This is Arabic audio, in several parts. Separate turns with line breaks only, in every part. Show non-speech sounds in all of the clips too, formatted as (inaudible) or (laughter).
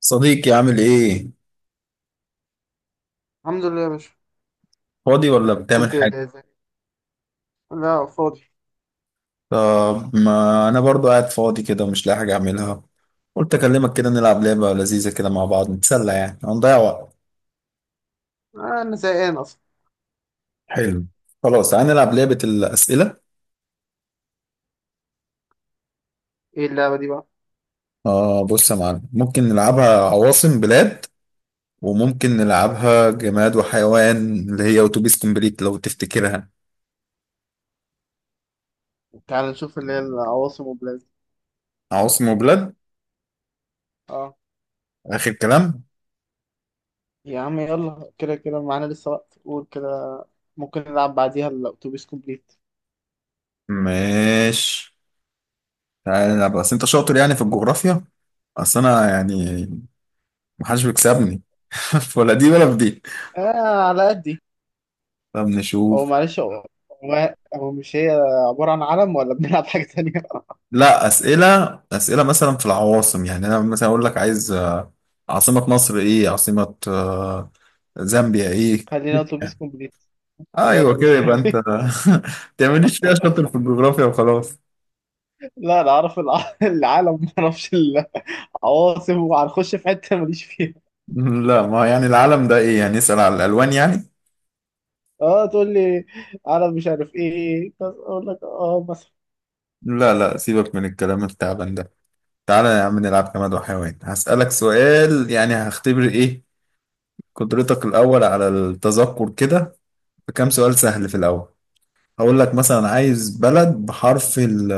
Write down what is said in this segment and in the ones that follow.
صديقي عامل ايه؟
الحمد لله يا باشا.
فاضي ولا بتعمل
كنت
حاجة؟
زي... لا، فاضي.
طب ما انا برضو قاعد فاضي كده ومش لاقي حاجة اعملها، قلت اكلمك كده نلعب لعبة لذيذة كده مع بعض نتسلى، يعني هنضيع وقت.
انا زهقان اصلا.
حلو، خلاص تعالى نلعب لعبة الأسئلة.
ايه اللعبه دي بقى؟
آه بص يا معلم، ممكن نلعبها عواصم بلاد، وممكن نلعبها جماد وحيوان، اللي هي أوتوبيس كومبليت لو تفتكرها.
تعال نشوف، اللي هي العواصم والبلاد.
عواصم وبلاد
اه.
آخر كلام،
يا عم، يلا كده كده، معانا لسه وقت، قول كده. ممكن نلعب بعديها الاتوبيس كومبليت.
ماشي. تعالى نلعب، بس أنت شاطر يعني في الجغرافيا؟ أصل أنا يعني محدش بيكسبني (laughs) ولا دي ولا في دي.
اه، على قدي.
طب
هو
نشوف.
معلش، هو مش هي. عباره عن علم، ولا بنلعب حاجه تانية؟ (laughs)
لا أسئلة، أسئلة مثلا في العواصم، يعني أنا مثلا أقول لك عايز عاصمة مصر إيه، عاصمة زامبيا إيه.
خلينا اتوبيس كومبليت. خلينا
أيوه كده،
اتوبيس
يبقى أنت (laughs)
كومبليت.
ما تعمليش فيها شاطر في
(laughs)
الجغرافيا وخلاص.
لا، انا اعرف العالم، ما اعرفش العواصم، وهنخش في حته ماليش فيها.
لا ما يعني العالم ده إيه، يعني نسأل على الألوان يعني.
اه، تقول لي عرب مش عارف ايه، بس اقول لك، اه، مثلا.
لا لا، سيبك من الكلام التعبان ده. تعالى يا عم نلعب جماد وحيوان، هسألك سؤال يعني هختبر إيه، قدرتك الأول على التذكر كده. بكام سؤال سهل في الأول. هقول لك مثلا عايز بلد بحرف ال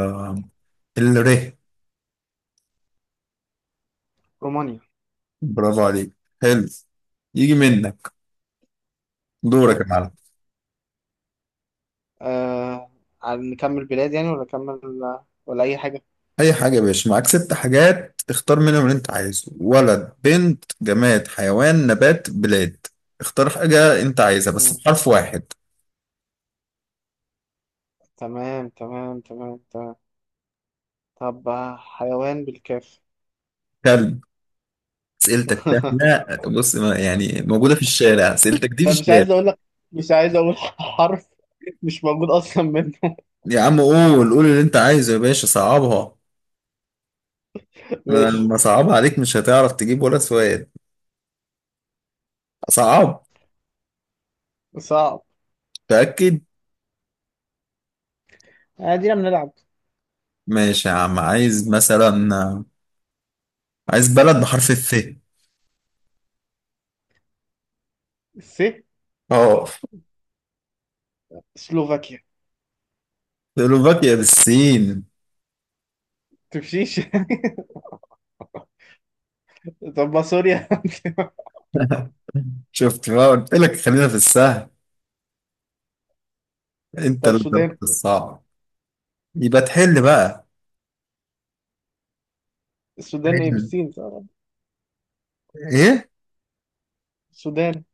الر
رومانيا.
برافو عليك، حلو، يجي منك. دورك
شوف.
يا معلم.
آه نكمل بلاد، يعني، ولا نكمل، ولا اي حاجه؟
اي حاجه يا باشا، معاك ست حاجات اختار منهم اللي انت عايزه: ولد، بنت، جماد، حيوان، نبات، بلاد. اختار حاجه انت عايزها بس
آه،
بحرف واحد.
تمام تمام تمام تمام. طب، حيوان بالكاف.
كلب؟ اسئلتك
(laughs)
سهله، بص يعني موجوده في الشارع اسئلتك دي، في
لا، مش
الشارع.
عايز اقول لك. مش عايز اقول (laughs) حرف مش موجود اصلا منه.
يا عم قول قول اللي انت عايزه يا باشا، صعبها.
(laughs)
انا
ماشي.
لما صعبها عليك مش هتعرف تجيب ولا سؤال صعب،
صعب.
تأكد.
ادينا بنلعب.
ماشي يا عم، عايز مثلا، عايز بلد بحرف الف.
س.
اه.
سلوفاكيا.
سلوفاكيا بالسين
تمشيش. (laughs) طب ما سوريا. (laughs)
(laughs) شفت بقى، قلت لك خلينا في السهل، انت
طب،
اللي
السودان.
طلعت الصعب. يبقى تحل بقى.
السودان ايه،
حل.
بالسين، صح؟
ايه؟
السودان.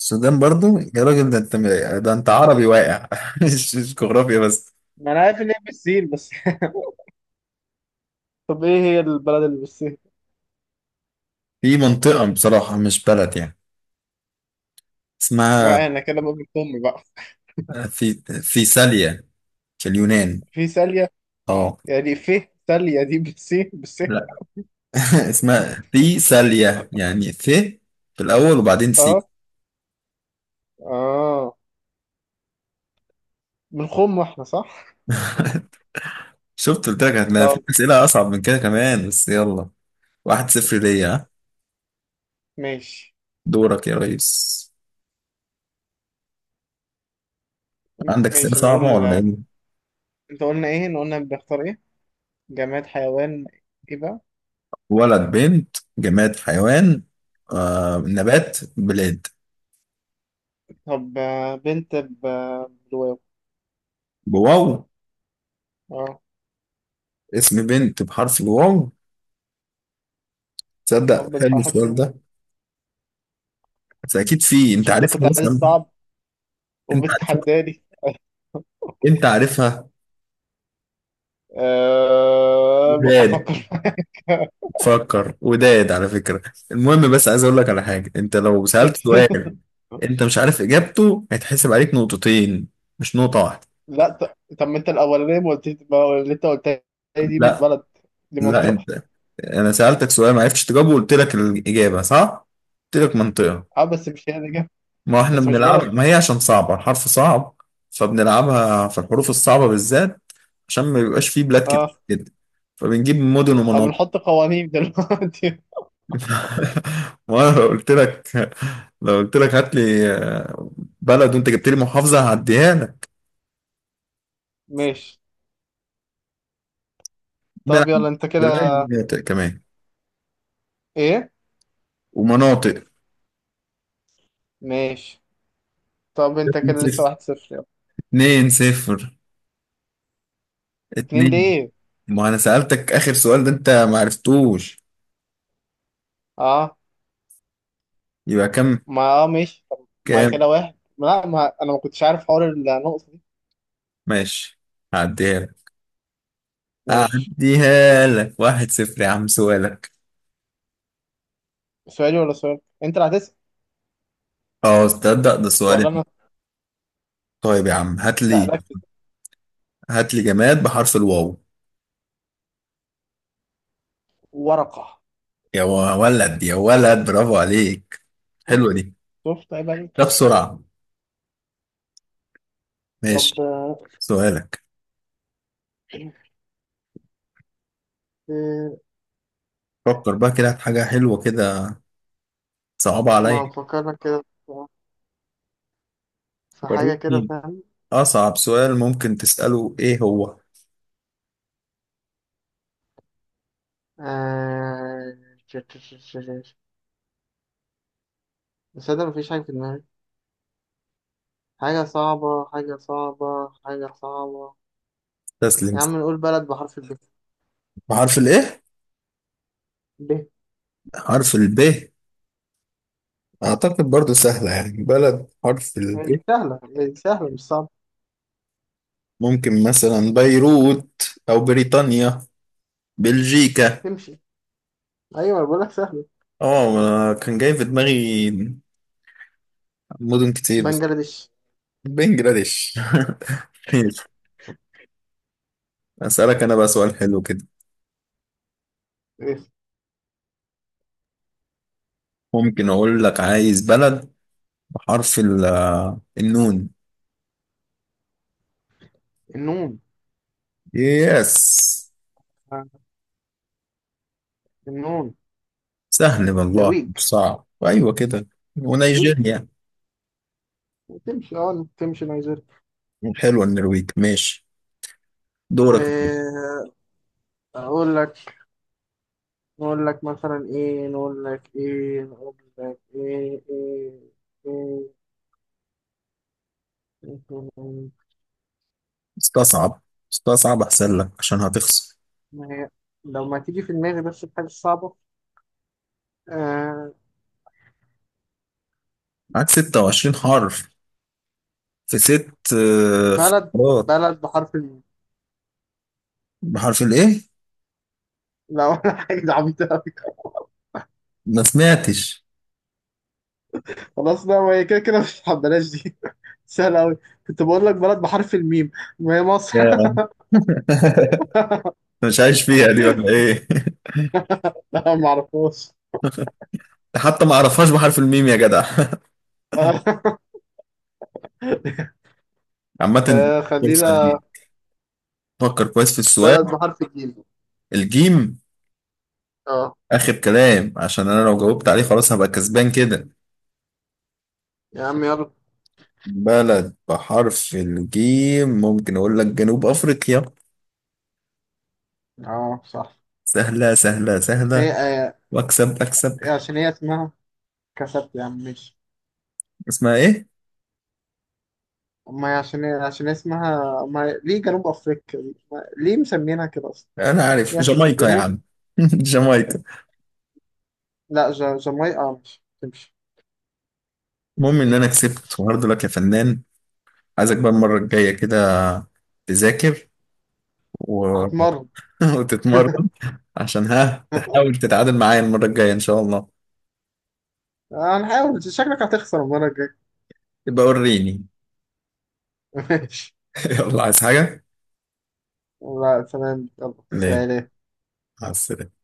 السودان برضو
بالسين.
يا راجل، ده انت عربي واقع (laughs) مش جغرافيا بس.
ما انا عارف ان هي بالسين، بس. (laughs) طب، ايه هي البلد اللي بالسين؟
في منطقة بصراحة، مش بلد يعني، اسمها
ما انا كده بقول امي بقى.
في في ساليا، في اليونان.
في ساليه.
اه.
يعني في ساليه دي بالسين بالسين؟
لا (laughs) اسمها في ساليا يعني ث في الأول وبعدين سي.
اه، اه. من خم واحنا صح.
شفت، قلت لك هتلاقي في
طب.
أسئلة أصعب من كده كمان، بس يلا. واحد صفر ليا، ها؟
ماشي.
دورك يا ريس. عندك أسئلة
ماشي، نقول.
صعبة ولا إيه؟
انت قلنا ايه، إن قلنا بنختار ايه؟ جماد، حيوان. ايه بقى؟
ولد بنت جماد حيوان نبات بلاد.
طب، بنت بالواو.
بواو.
اه.
اسم بنت بحرف الواو، تصدق
او
حلو
بالحرف
السؤال
الواو.
ده. بس أكيد في، أنت
عشان انت
عارفها
كنت عايز
مثلا،
صعب
أنت عارفها
وبتتحداني.
أنت عارفها. بلاد.
افكر.
فكر، وداد على فكرة. المهم بس عايز اقول لك على حاجة، انت لو سألت سؤال
(laughs)
انت مش عارف اجابته هيتحسب عليك نقطتين، مش نقطة واحدة.
لا، طب، ما انت الاولانيه ما قلتيش، ما اللي انت قلتها دي مش
لا
بلد، دي
لا
منطقه.
انت. انا سألتك سؤال ما عرفتش تجاوبه وقلت لك الإجابة صح. قلت لك منطقة.
اه، بس مش هي اللي
ما احنا
بس مش بلد.
بنلعب، ما هي عشان صعبة، الحرف صعب. فبنلعبها في الحروف الصعبة بالذات، عشان ما بيبقاش فيه بلاد كتير
اه،
جدا، فبنجيب مدن
اه،
ومناطق.
بنحط قوانين دلوقتي؟
ما أنا لو قلت لك هات لي بلد، وانت جبت لي محافظه هعديها لك.
(laughs) ماشي. طب
نلعب
يلا، انت كده.
بلاد ومناطق كمان
ايه.
ومناطق.
ماشي. طب انت
اتنين
كده لسه
صفر.
1-0، يلا.
اتنين صفر.
اتنين
اتنين،
ليه؟
ما انا سألتك اخر سؤال ده انت ما عرفتوش،
اه،
يبقى كام؟
ما اه ماشي، طب ما هي
كام؟
كده واحد، ما لا، ما انا ما كنتش عارف حوار النقطه دي.
ماشي، هعديها لك
ماشي.
هعديها لك واحد صفر. يا عم سؤالك.
سؤالي ولا سؤال انت اللي هتسأل؟
اه تصدق، ده سؤالي؟
ولا انا.
طيب يا عم هات
لا،
لي
ركز.
هات لي جماد بحرف الواو.
ورقه.
يا ولد يا ولد، برافو عليك، حلوة دي.
شفت؟ عيب
ده
عليك.
بسرعة،
طب،
ماشي. سؤالك.
إيه؟
فكر بقى كده في حاجة حلوة كده، صعبة عليا،
ما بفكرك كده في حاجة كده،
وريتني
فاهم؟
أصعب سؤال ممكن تسأله إيه هو.
آه... ش- ش- ش- ش- ش- بس أنا مفيش حاجة في دماغي، حاجة صعبة، حاجة صعبة، حاجة صعبة.
تسلم.
يا عم، نقول بلد بحرف الب.
بحرف الإيه؟
ب، ب.
حرف الب. أعتقد برضو سهلة، يعني بلد حرف
هي
الب.
دي سهلة، هي دي سهلة، مش صعبة.
ممكن مثلا بيروت، أو بريطانيا، بلجيكا.
تمشي. أيوة، أنا بقولك سهلة.
آه أنا كان جاي في دماغي مدن كتير بس.
بنجلاديش.
بنجلاديش (laughs) ماشي. أسألك أنا بقى سؤال حلو كده.
إيه؟
ممكن أقول لك عايز بلد حرف النون.
النون.
يس.
آه، النون.
سهل والله،
نرويج.
مش صعب. ايوه كده.
نرويج
ونيجيريا.
تمشي، اه، تمشي نيجيريا.
حلوه النرويج، ماشي. دورك.
آه، أقول لك. نقول لك مثلا ايه، نقول لك ايه، نقول لك ايه، ايه، ايه، إيه.
استصعب، احسن لك عشان هتخسر.
ما هي لو ما تيجي في دماغي بس الحاجة الصعبة. آه.
معاك 26 حرف في ست
بلد
خيارات.
بلد بحرف الميم.
بحرف الايه؟
لا، ولا حاجة، دي عبيطة أوي.
ما سمعتش.
خلاص، لا، ما هي كده كده مش بلاش دي. (laughs) سهلة أوي. كنت بقول لك بلد بحرف الميم، ما هي مصر.
يا.
(laughs)
(laughs) مش عايش فيها دي ولا ايه؟
لا، ما أعرفهاش.
(laughs) حتى ما اعرفهاش بحرف الميم يا جدع (laughs)
(laughs)
عامة دي
آه،
فرصة
خلينا.
ليك. فكر كويس في السؤال.
بلد بحرف الجيم.
الجيم.
اه.
آخر كلام، عشان أنا لو جاوبت عليه خلاص هبقى كسبان كده.
يا عم، يلا.
بلد بحرف الجيم، ممكن أقول لك جنوب أفريقيا.
اه، صح.
سهلة سهلة
بس هي
سهلة. وأكسب أكسب.
عشان هي اسمها. كسبت يا عم، ماشي.
اسمها إيه؟
ما هي عشان اسمها. ما ليه جنوب افريقيا دي؟ ما... ليه مسمينها كده اصلا.
أنا
هي
عارف،
عشان في
جامايكا يا
الجنوب.
عم (laughs) جامايكا.
لا، جامايقا مش تمشي.
المهم إن أنا كسبت وهارد لك يا فنان. عايزك بقى المرة الجاية كده تذاكر و...
هتمرن.
(laughs) وتتمرن، عشان ها
(laughs)
تحاول تتعادل معايا المرة الجاية إن شاء الله.
هنحاول، شكلك هتخسر المره الجايه.
يبقى وريني.
(laughs) ماشي.
(laughs) يلا، عايز حاجة؟
لا، تمام، يلا،
ليه؟
سلام.
مع السلامة.